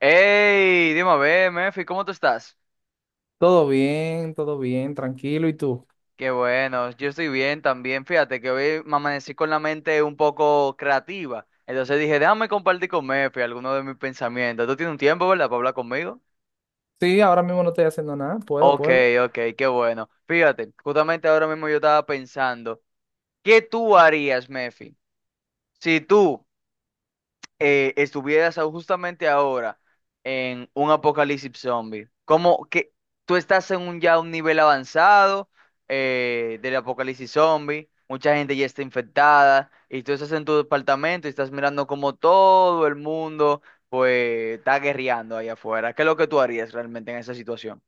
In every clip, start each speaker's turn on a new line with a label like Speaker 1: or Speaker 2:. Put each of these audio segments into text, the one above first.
Speaker 1: Hey, dime a ver, Mefi, ¿cómo tú estás?
Speaker 2: Todo bien, tranquilo. ¿Y tú?
Speaker 1: Qué bueno, yo estoy bien también. Fíjate que hoy me amanecí con la mente un poco creativa. Entonces dije, déjame compartir con Mefi algunos de mis pensamientos. ¿Tú tienes un tiempo, verdad, para hablar conmigo?
Speaker 2: Sí, ahora mismo no estoy haciendo nada. Puedo,
Speaker 1: Ok,
Speaker 2: puedo.
Speaker 1: ok, qué bueno. Fíjate, justamente ahora mismo yo estaba pensando, ¿qué tú harías, Mefi? Si tú estuvieras justamente ahora en un apocalipsis zombie, como que tú estás en un ya un nivel avanzado del apocalipsis zombie, mucha gente ya está infectada y tú estás en tu departamento y estás mirando como todo el mundo pues está guerreando ahí afuera. ¿Qué es lo que tú harías realmente en esa situación?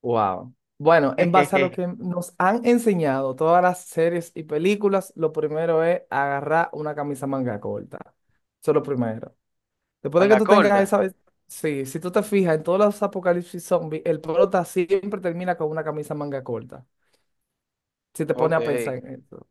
Speaker 2: Wow. Bueno, en base a lo que nos han enseñado todas las series y películas, lo primero es agarrar una camisa manga corta. Eso es lo primero. Después de que
Speaker 1: Manga
Speaker 2: tú tengas
Speaker 1: corta.
Speaker 2: Sí, si tú te fijas, en todos los apocalipsis zombies, el prota siempre termina con una camisa manga corta. Si te
Speaker 1: Ok,
Speaker 2: pones a pensar en eso.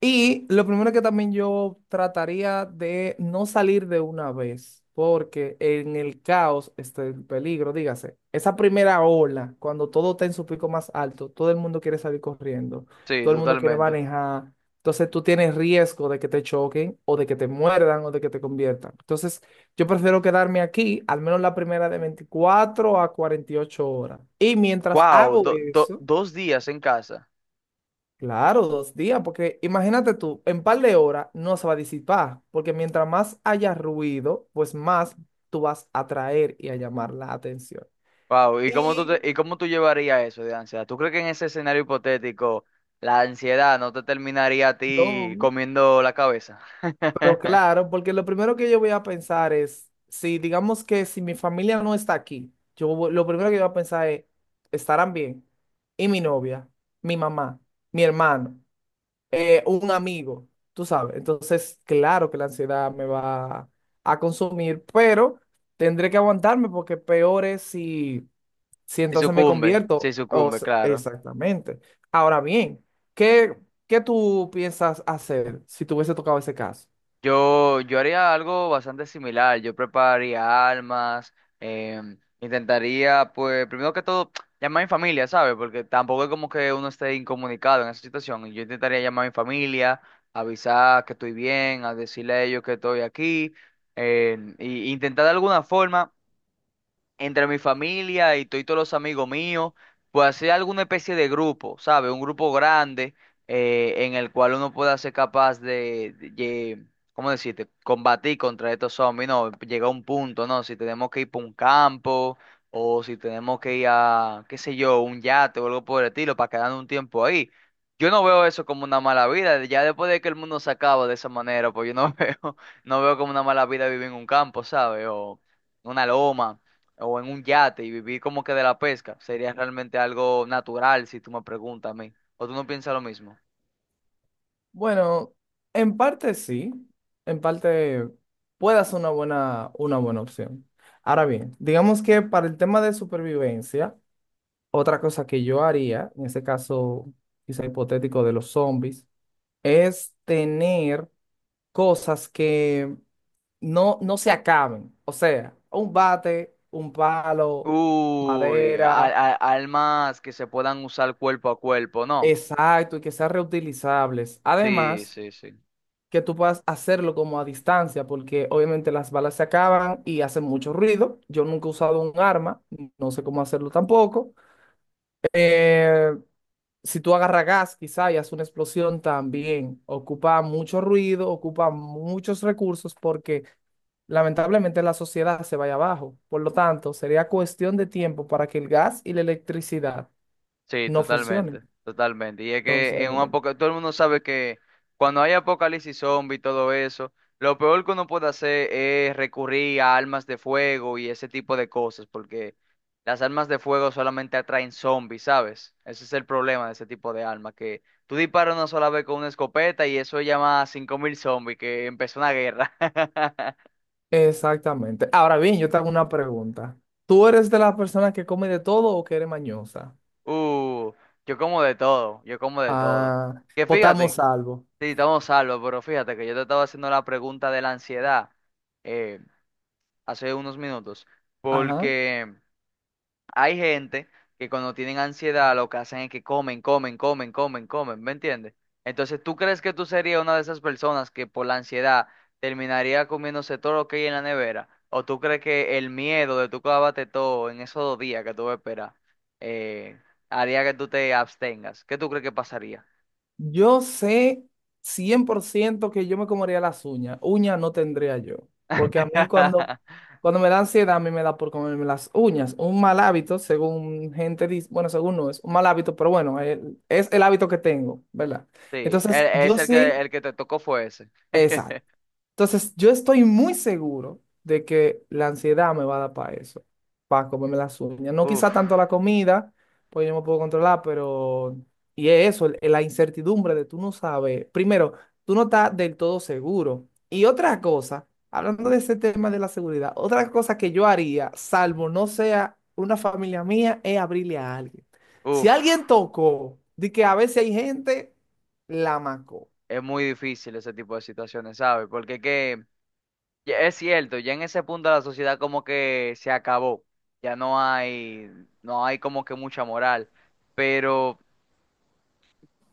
Speaker 2: Y lo primero que también yo trataría de no salir de una vez, porque en el caos está el peligro, dígase. Esa primera ola, cuando todo está en su pico más alto, todo el mundo quiere salir corriendo,
Speaker 1: sí,
Speaker 2: todo el mundo quiere
Speaker 1: totalmente.
Speaker 2: manejar. Entonces tú tienes riesgo de que te choquen o de que te muerdan o de que te conviertan. Entonces yo prefiero quedarme aquí, al menos la primera de 24 a 48 horas. Y mientras
Speaker 1: Wow,
Speaker 2: hago eso.
Speaker 1: dos días en casa.
Speaker 2: Claro, 2 días, porque imagínate tú, en par de horas no se va a disipar, porque mientras más haya ruido, pues más tú vas a atraer y a llamar la atención.
Speaker 1: Wow, ¿y cómo
Speaker 2: Y
Speaker 1: y cómo tú llevarías eso de ansiedad? ¿Tú crees que en ese escenario hipotético la ansiedad no te terminaría a ti
Speaker 2: no,
Speaker 1: comiendo la cabeza?
Speaker 2: pero claro, porque lo primero que yo voy a pensar es, si digamos que si mi familia no está aquí, lo primero que yo voy a pensar es, ¿estarán bien? Y mi novia, mi mamá, mi hermano. Un amigo, tú sabes. Entonces, claro que la ansiedad me va a consumir, pero tendré que aguantarme porque peor es si
Speaker 1: Si
Speaker 2: entonces me
Speaker 1: sucumbe,
Speaker 2: convierto.
Speaker 1: si
Speaker 2: O
Speaker 1: sucumbe,
Speaker 2: s-
Speaker 1: claro.
Speaker 2: exactamente. Ahora bien, ¿qué, qué tú piensas hacer si te hubiese tocado ese caso?
Speaker 1: Yo haría algo bastante similar. Yo prepararía almas, intentaría, pues, primero que todo, llamar a mi familia, ¿sabes? Porque tampoco es como que uno esté incomunicado en esa situación. Yo intentaría llamar a mi familia, avisar que estoy bien, a decirle a ellos que estoy aquí, y intentar de alguna forma entre mi familia y todos los amigos míos, pues hacer alguna especie de grupo, ¿sabes? Un grupo grande en el cual uno pueda ser capaz de ¿cómo decirte? Combatir contra estos zombies, ¿no? Llega a un punto, ¿no? Si tenemos que ir para un campo o si tenemos que ir a, qué sé yo, un yate o algo por el estilo para quedarnos un tiempo ahí. Yo no veo eso como una mala vida, ya después de que el mundo se acaba de esa manera, pues yo no veo, no veo como una mala vida vivir en un campo, ¿sabes? O una loma o en un yate y vivir como que de la pesca, sería realmente algo natural si tú me preguntas a mí. ¿O tú no piensas lo mismo?
Speaker 2: Bueno, en parte sí, en parte puede ser una buena opción. Ahora bien, digamos que para el tema de supervivencia, otra cosa que yo haría, en este caso quizá hipotético de los zombies, es tener cosas que no se acaben. O sea, un bate, un palo,
Speaker 1: Uy,
Speaker 2: madera,
Speaker 1: almas que se puedan usar cuerpo a cuerpo, ¿no?
Speaker 2: exacto, y que sean reutilizables.
Speaker 1: Sí,
Speaker 2: Además,
Speaker 1: sí, sí.
Speaker 2: que tú puedas hacerlo como a distancia, porque obviamente las balas se acaban y hacen mucho ruido. Yo nunca he usado un arma, no sé cómo hacerlo tampoco. Eh, si tú agarras gas quizá y haces una explosión también, ocupa mucho ruido, ocupa muchos recursos porque lamentablemente la sociedad se vaya abajo. Por lo tanto, sería cuestión de tiempo para que el gas y la electricidad
Speaker 1: Sí,
Speaker 2: no funcionen.
Speaker 1: totalmente, totalmente. Y es que
Speaker 2: Entonces,
Speaker 1: en un apocalipsis, todo el mundo sabe que cuando hay apocalipsis zombie y todo eso, lo peor que uno puede hacer es recurrir a armas de fuego y ese tipo de cosas, porque las armas de fuego solamente atraen zombies, ¿sabes? Ese es el problema de ese tipo de armas, que tú disparas una sola vez con una escopeta y eso llama a 5.000 zombies, que empezó una guerra.
Speaker 2: exactamente. Ahora bien, yo te hago una pregunta. ¿Tú eres de las personas que come de todo o que eres mañosa?
Speaker 1: Uh, yo como de todo, yo como de todo.
Speaker 2: Ah,
Speaker 1: Que fíjate.
Speaker 2: potamos algo.
Speaker 1: Sí, estamos salvos, pero fíjate que yo te estaba haciendo la pregunta de la ansiedad eh, hace unos minutos,
Speaker 2: Ajá.
Speaker 1: porque hay gente que cuando tienen ansiedad lo que hacen es que comen, comen, comen, comen, comen, ¿me entiendes? Entonces, ¿tú crees que tú serías una de esas personas que por la ansiedad terminaría comiéndose todo lo que hay en la nevera? ¿O tú crees que el miedo de tú clavarte todo en esos dos días que tú esperas eh, haría que tú te abstengas? ¿Qué tú crees que pasaría?
Speaker 2: Yo sé 100% que yo me comería las uñas. Uñas no tendría yo. Porque a mí cuando, cuando me da ansiedad, a mí me da por comerme las uñas. Un mal hábito, según gente dice, bueno, según no es un mal hábito, pero bueno, es el hábito que tengo, ¿verdad?
Speaker 1: Sí,
Speaker 2: Entonces,
Speaker 1: es
Speaker 2: yo sé,
Speaker 1: el que te tocó fue ese.
Speaker 2: esa. Entonces, yo estoy muy seguro de que la ansiedad me va a dar para eso, para comerme las uñas. No
Speaker 1: Uf,
Speaker 2: quizá tanto la comida, pues yo me puedo controlar, pero. Y es eso, la incertidumbre de tú no sabes. Primero, tú no estás del todo seguro. Y otra cosa, hablando de ese tema de la seguridad, otra cosa que yo haría, salvo no sea una familia mía, es abrirle a alguien. Si
Speaker 1: uf,
Speaker 2: alguien tocó, de que a veces hay gente, la macó.
Speaker 1: es muy difícil ese tipo de situaciones, ¿sabes? Porque que, ya es cierto, ya en ese punto la sociedad como que se acabó, ya no hay, no hay como que mucha moral, pero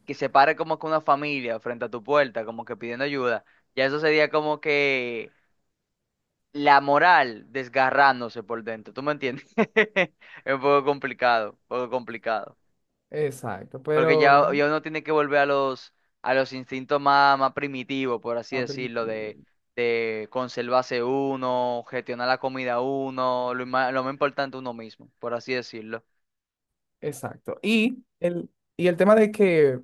Speaker 1: que se pare como que una familia frente a tu puerta, como que pidiendo ayuda, ya eso sería como que la moral desgarrándose por dentro, ¿tú me entiendes? Es un poco complicado, un poco complicado.
Speaker 2: Exacto,
Speaker 1: Porque
Speaker 2: pero
Speaker 1: ya,
Speaker 2: nada.
Speaker 1: ya uno tiene que volver a los instintos más, más primitivos, por así
Speaker 2: Más
Speaker 1: decirlo,
Speaker 2: permitido.
Speaker 1: de conservarse uno, gestionar la comida uno, lo más importante uno mismo, por así decirlo.
Speaker 2: Exacto. Y el tema de que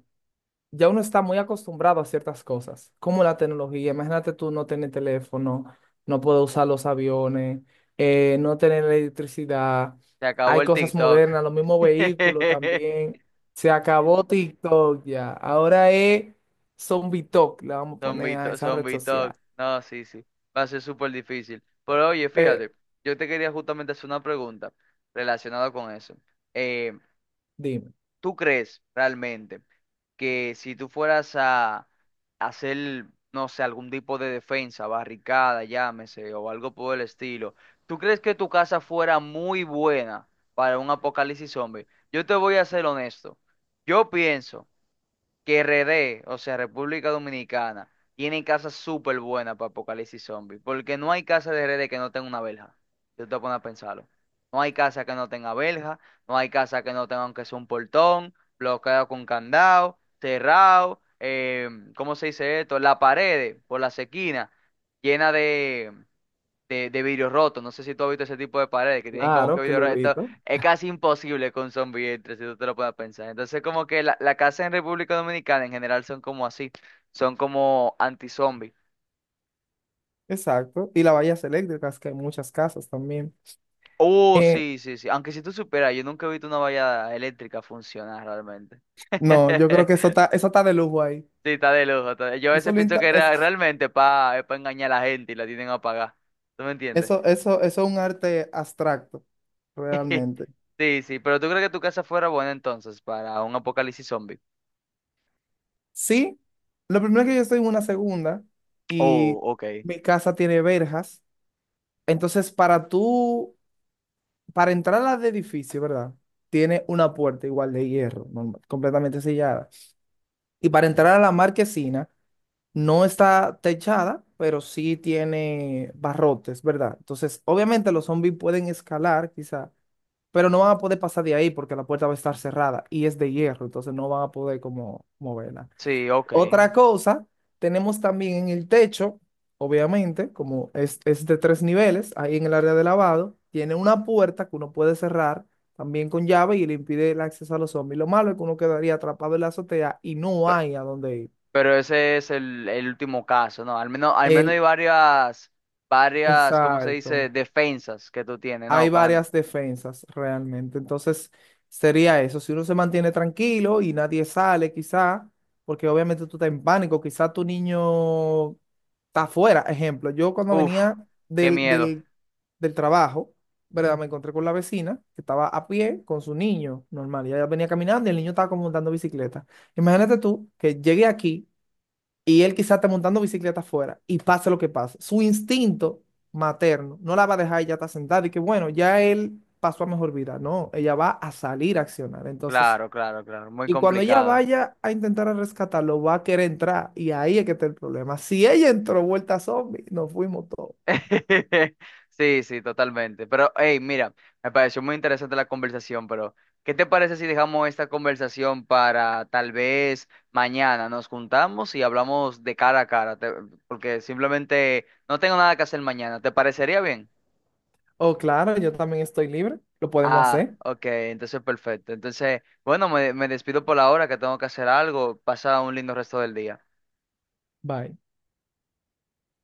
Speaker 2: ya uno está muy acostumbrado a ciertas cosas, como la tecnología. Imagínate tú no tener teléfono, no poder usar los aviones, no tener electricidad.
Speaker 1: Se acabó
Speaker 2: Hay
Speaker 1: el
Speaker 2: cosas
Speaker 1: TikTok.
Speaker 2: modernas, los mismos vehículos también. Se acabó TikTok ya. Ahora es Zombie Talk, le vamos a
Speaker 1: Zombie
Speaker 2: poner a esa red
Speaker 1: zombie
Speaker 2: social.
Speaker 1: talk. No, sí, sí. Va a ser súper difícil. Pero oye,
Speaker 2: Pe-
Speaker 1: fíjate, yo te quería justamente hacer una pregunta relacionada con eso. Eh,
Speaker 2: dime.
Speaker 1: ¿Tú crees realmente que si tú fueras a hacer, no sé, algún tipo de defensa, barricada, llámese, o algo por el estilo, ¿tú crees que tu casa fuera muy buena para un apocalipsis zombie? Yo te voy a ser honesto. Yo pienso que RD, o sea, República Dominicana, tiene casas súper buenas para Apocalipsis Zombie, porque no hay casa de RD que no tenga una verja. Yo te voy a poner a pensarlo. No hay casa que no tenga verja, no hay casa que no tenga aunque sea un portón, bloqueado con candado, cerrado, ¿cómo se dice esto? Las paredes por las esquinas, llena de vidrio roto. No sé si tú has visto ese tipo de paredes que tienen como que
Speaker 2: Claro que
Speaker 1: vidrio
Speaker 2: lo
Speaker 1: roto.
Speaker 2: evito.
Speaker 1: Es casi imposible que un zombie entre, si tú te lo puedes pensar. Entonces, como que la casa en República Dominicana en general son como así, son como anti-zombie.
Speaker 2: Exacto. Y las vallas eléctricas, que hay muchas casas también.
Speaker 1: Oh,
Speaker 2: Eh,
Speaker 1: sí, sí, sí. Aunque si tú supieras, yo nunca he visto una valla eléctrica funcionar realmente.
Speaker 2: No, yo creo que eso está, eso está de lujo ahí.
Speaker 1: Sí, está de lujo. Yo a veces
Speaker 2: Eso, lo
Speaker 1: pienso
Speaker 2: inta-
Speaker 1: que
Speaker 2: eso,
Speaker 1: realmente pa, es para engañar a la gente y la tienen apagada. ¿Tú me entiendes?
Speaker 2: eso, eso, eso es un arte abstracto, realmente.
Speaker 1: Sí, sí, pero ¿tú crees que tu casa fuera buena entonces para un apocalipsis zombie?
Speaker 2: Sí, lo primero es que yo estoy en una segunda
Speaker 1: Oh,
Speaker 2: y
Speaker 1: ok.
Speaker 2: mi casa tiene verjas. Entonces, para tú, para entrar al edificio, ¿verdad? Tiene una puerta igual de hierro, normal, completamente sellada. Y para entrar a la marquesina, no está techada, pero sí tiene barrotes, ¿verdad? Entonces, obviamente los zombies pueden escalar, quizá, pero no van a poder pasar de ahí porque la puerta va a estar cerrada y es de hierro, entonces no van a poder como moverla.
Speaker 1: Sí, ok.
Speaker 2: Otra cosa, tenemos también en el techo, obviamente, como es de tres niveles, ahí en el área de lavado, tiene una puerta que uno puede cerrar también con llave y le impide el acceso a los zombies. Lo malo es que uno quedaría atrapado en la azotea y no
Speaker 1: Pero,
Speaker 2: hay a dónde ir.
Speaker 1: pero ese es el último caso, ¿no? Al menos hay
Speaker 2: El,
Speaker 1: varias, varias, ¿cómo se dice?
Speaker 2: Exacto.
Speaker 1: Defensas que tú tienes,
Speaker 2: Hay
Speaker 1: ¿no? ¿Pan?
Speaker 2: varias defensas realmente. Entonces, sería eso. Si uno se mantiene tranquilo y nadie sale, quizá, porque obviamente tú estás en pánico, quizá tu niño está afuera. Ejemplo, yo cuando
Speaker 1: Uf,
Speaker 2: venía
Speaker 1: qué
Speaker 2: del,
Speaker 1: miedo.
Speaker 2: del, del trabajo, ¿verdad? Me encontré con la vecina que estaba a pie con su niño normal, y ella venía caminando y el niño estaba como montando bicicleta. Imagínate tú que llegué aquí y él quizás está montando bicicleta afuera y pase lo que pase. Su instinto materno no la va a dejar ella está sentada y que bueno, ya él pasó a mejor vida. No, ella va a salir a accionar. Entonces,
Speaker 1: Claro, claro, claro. Muy
Speaker 2: y cuando ella
Speaker 1: complicado.
Speaker 2: vaya a intentar a rescatarlo, va a querer entrar y ahí es que está el problema. Si ella entró vuelta zombie, nos fuimos todos.
Speaker 1: Sí, sí, totalmente. Pero, hey, mira, me pareció muy interesante la conversación, pero ¿qué te parece si dejamos esta conversación para tal vez mañana? Nos juntamos y hablamos de cara a cara, te- porque simplemente no tengo nada que hacer mañana. ¿Te parecería bien?
Speaker 2: Oh, claro, yo también estoy libre, lo podemos
Speaker 1: Ah,
Speaker 2: hacer.
Speaker 1: ok, entonces perfecto. Entonces, bueno, me despido por la hora que tengo que hacer algo. Pasa un lindo resto del día.
Speaker 2: Bye.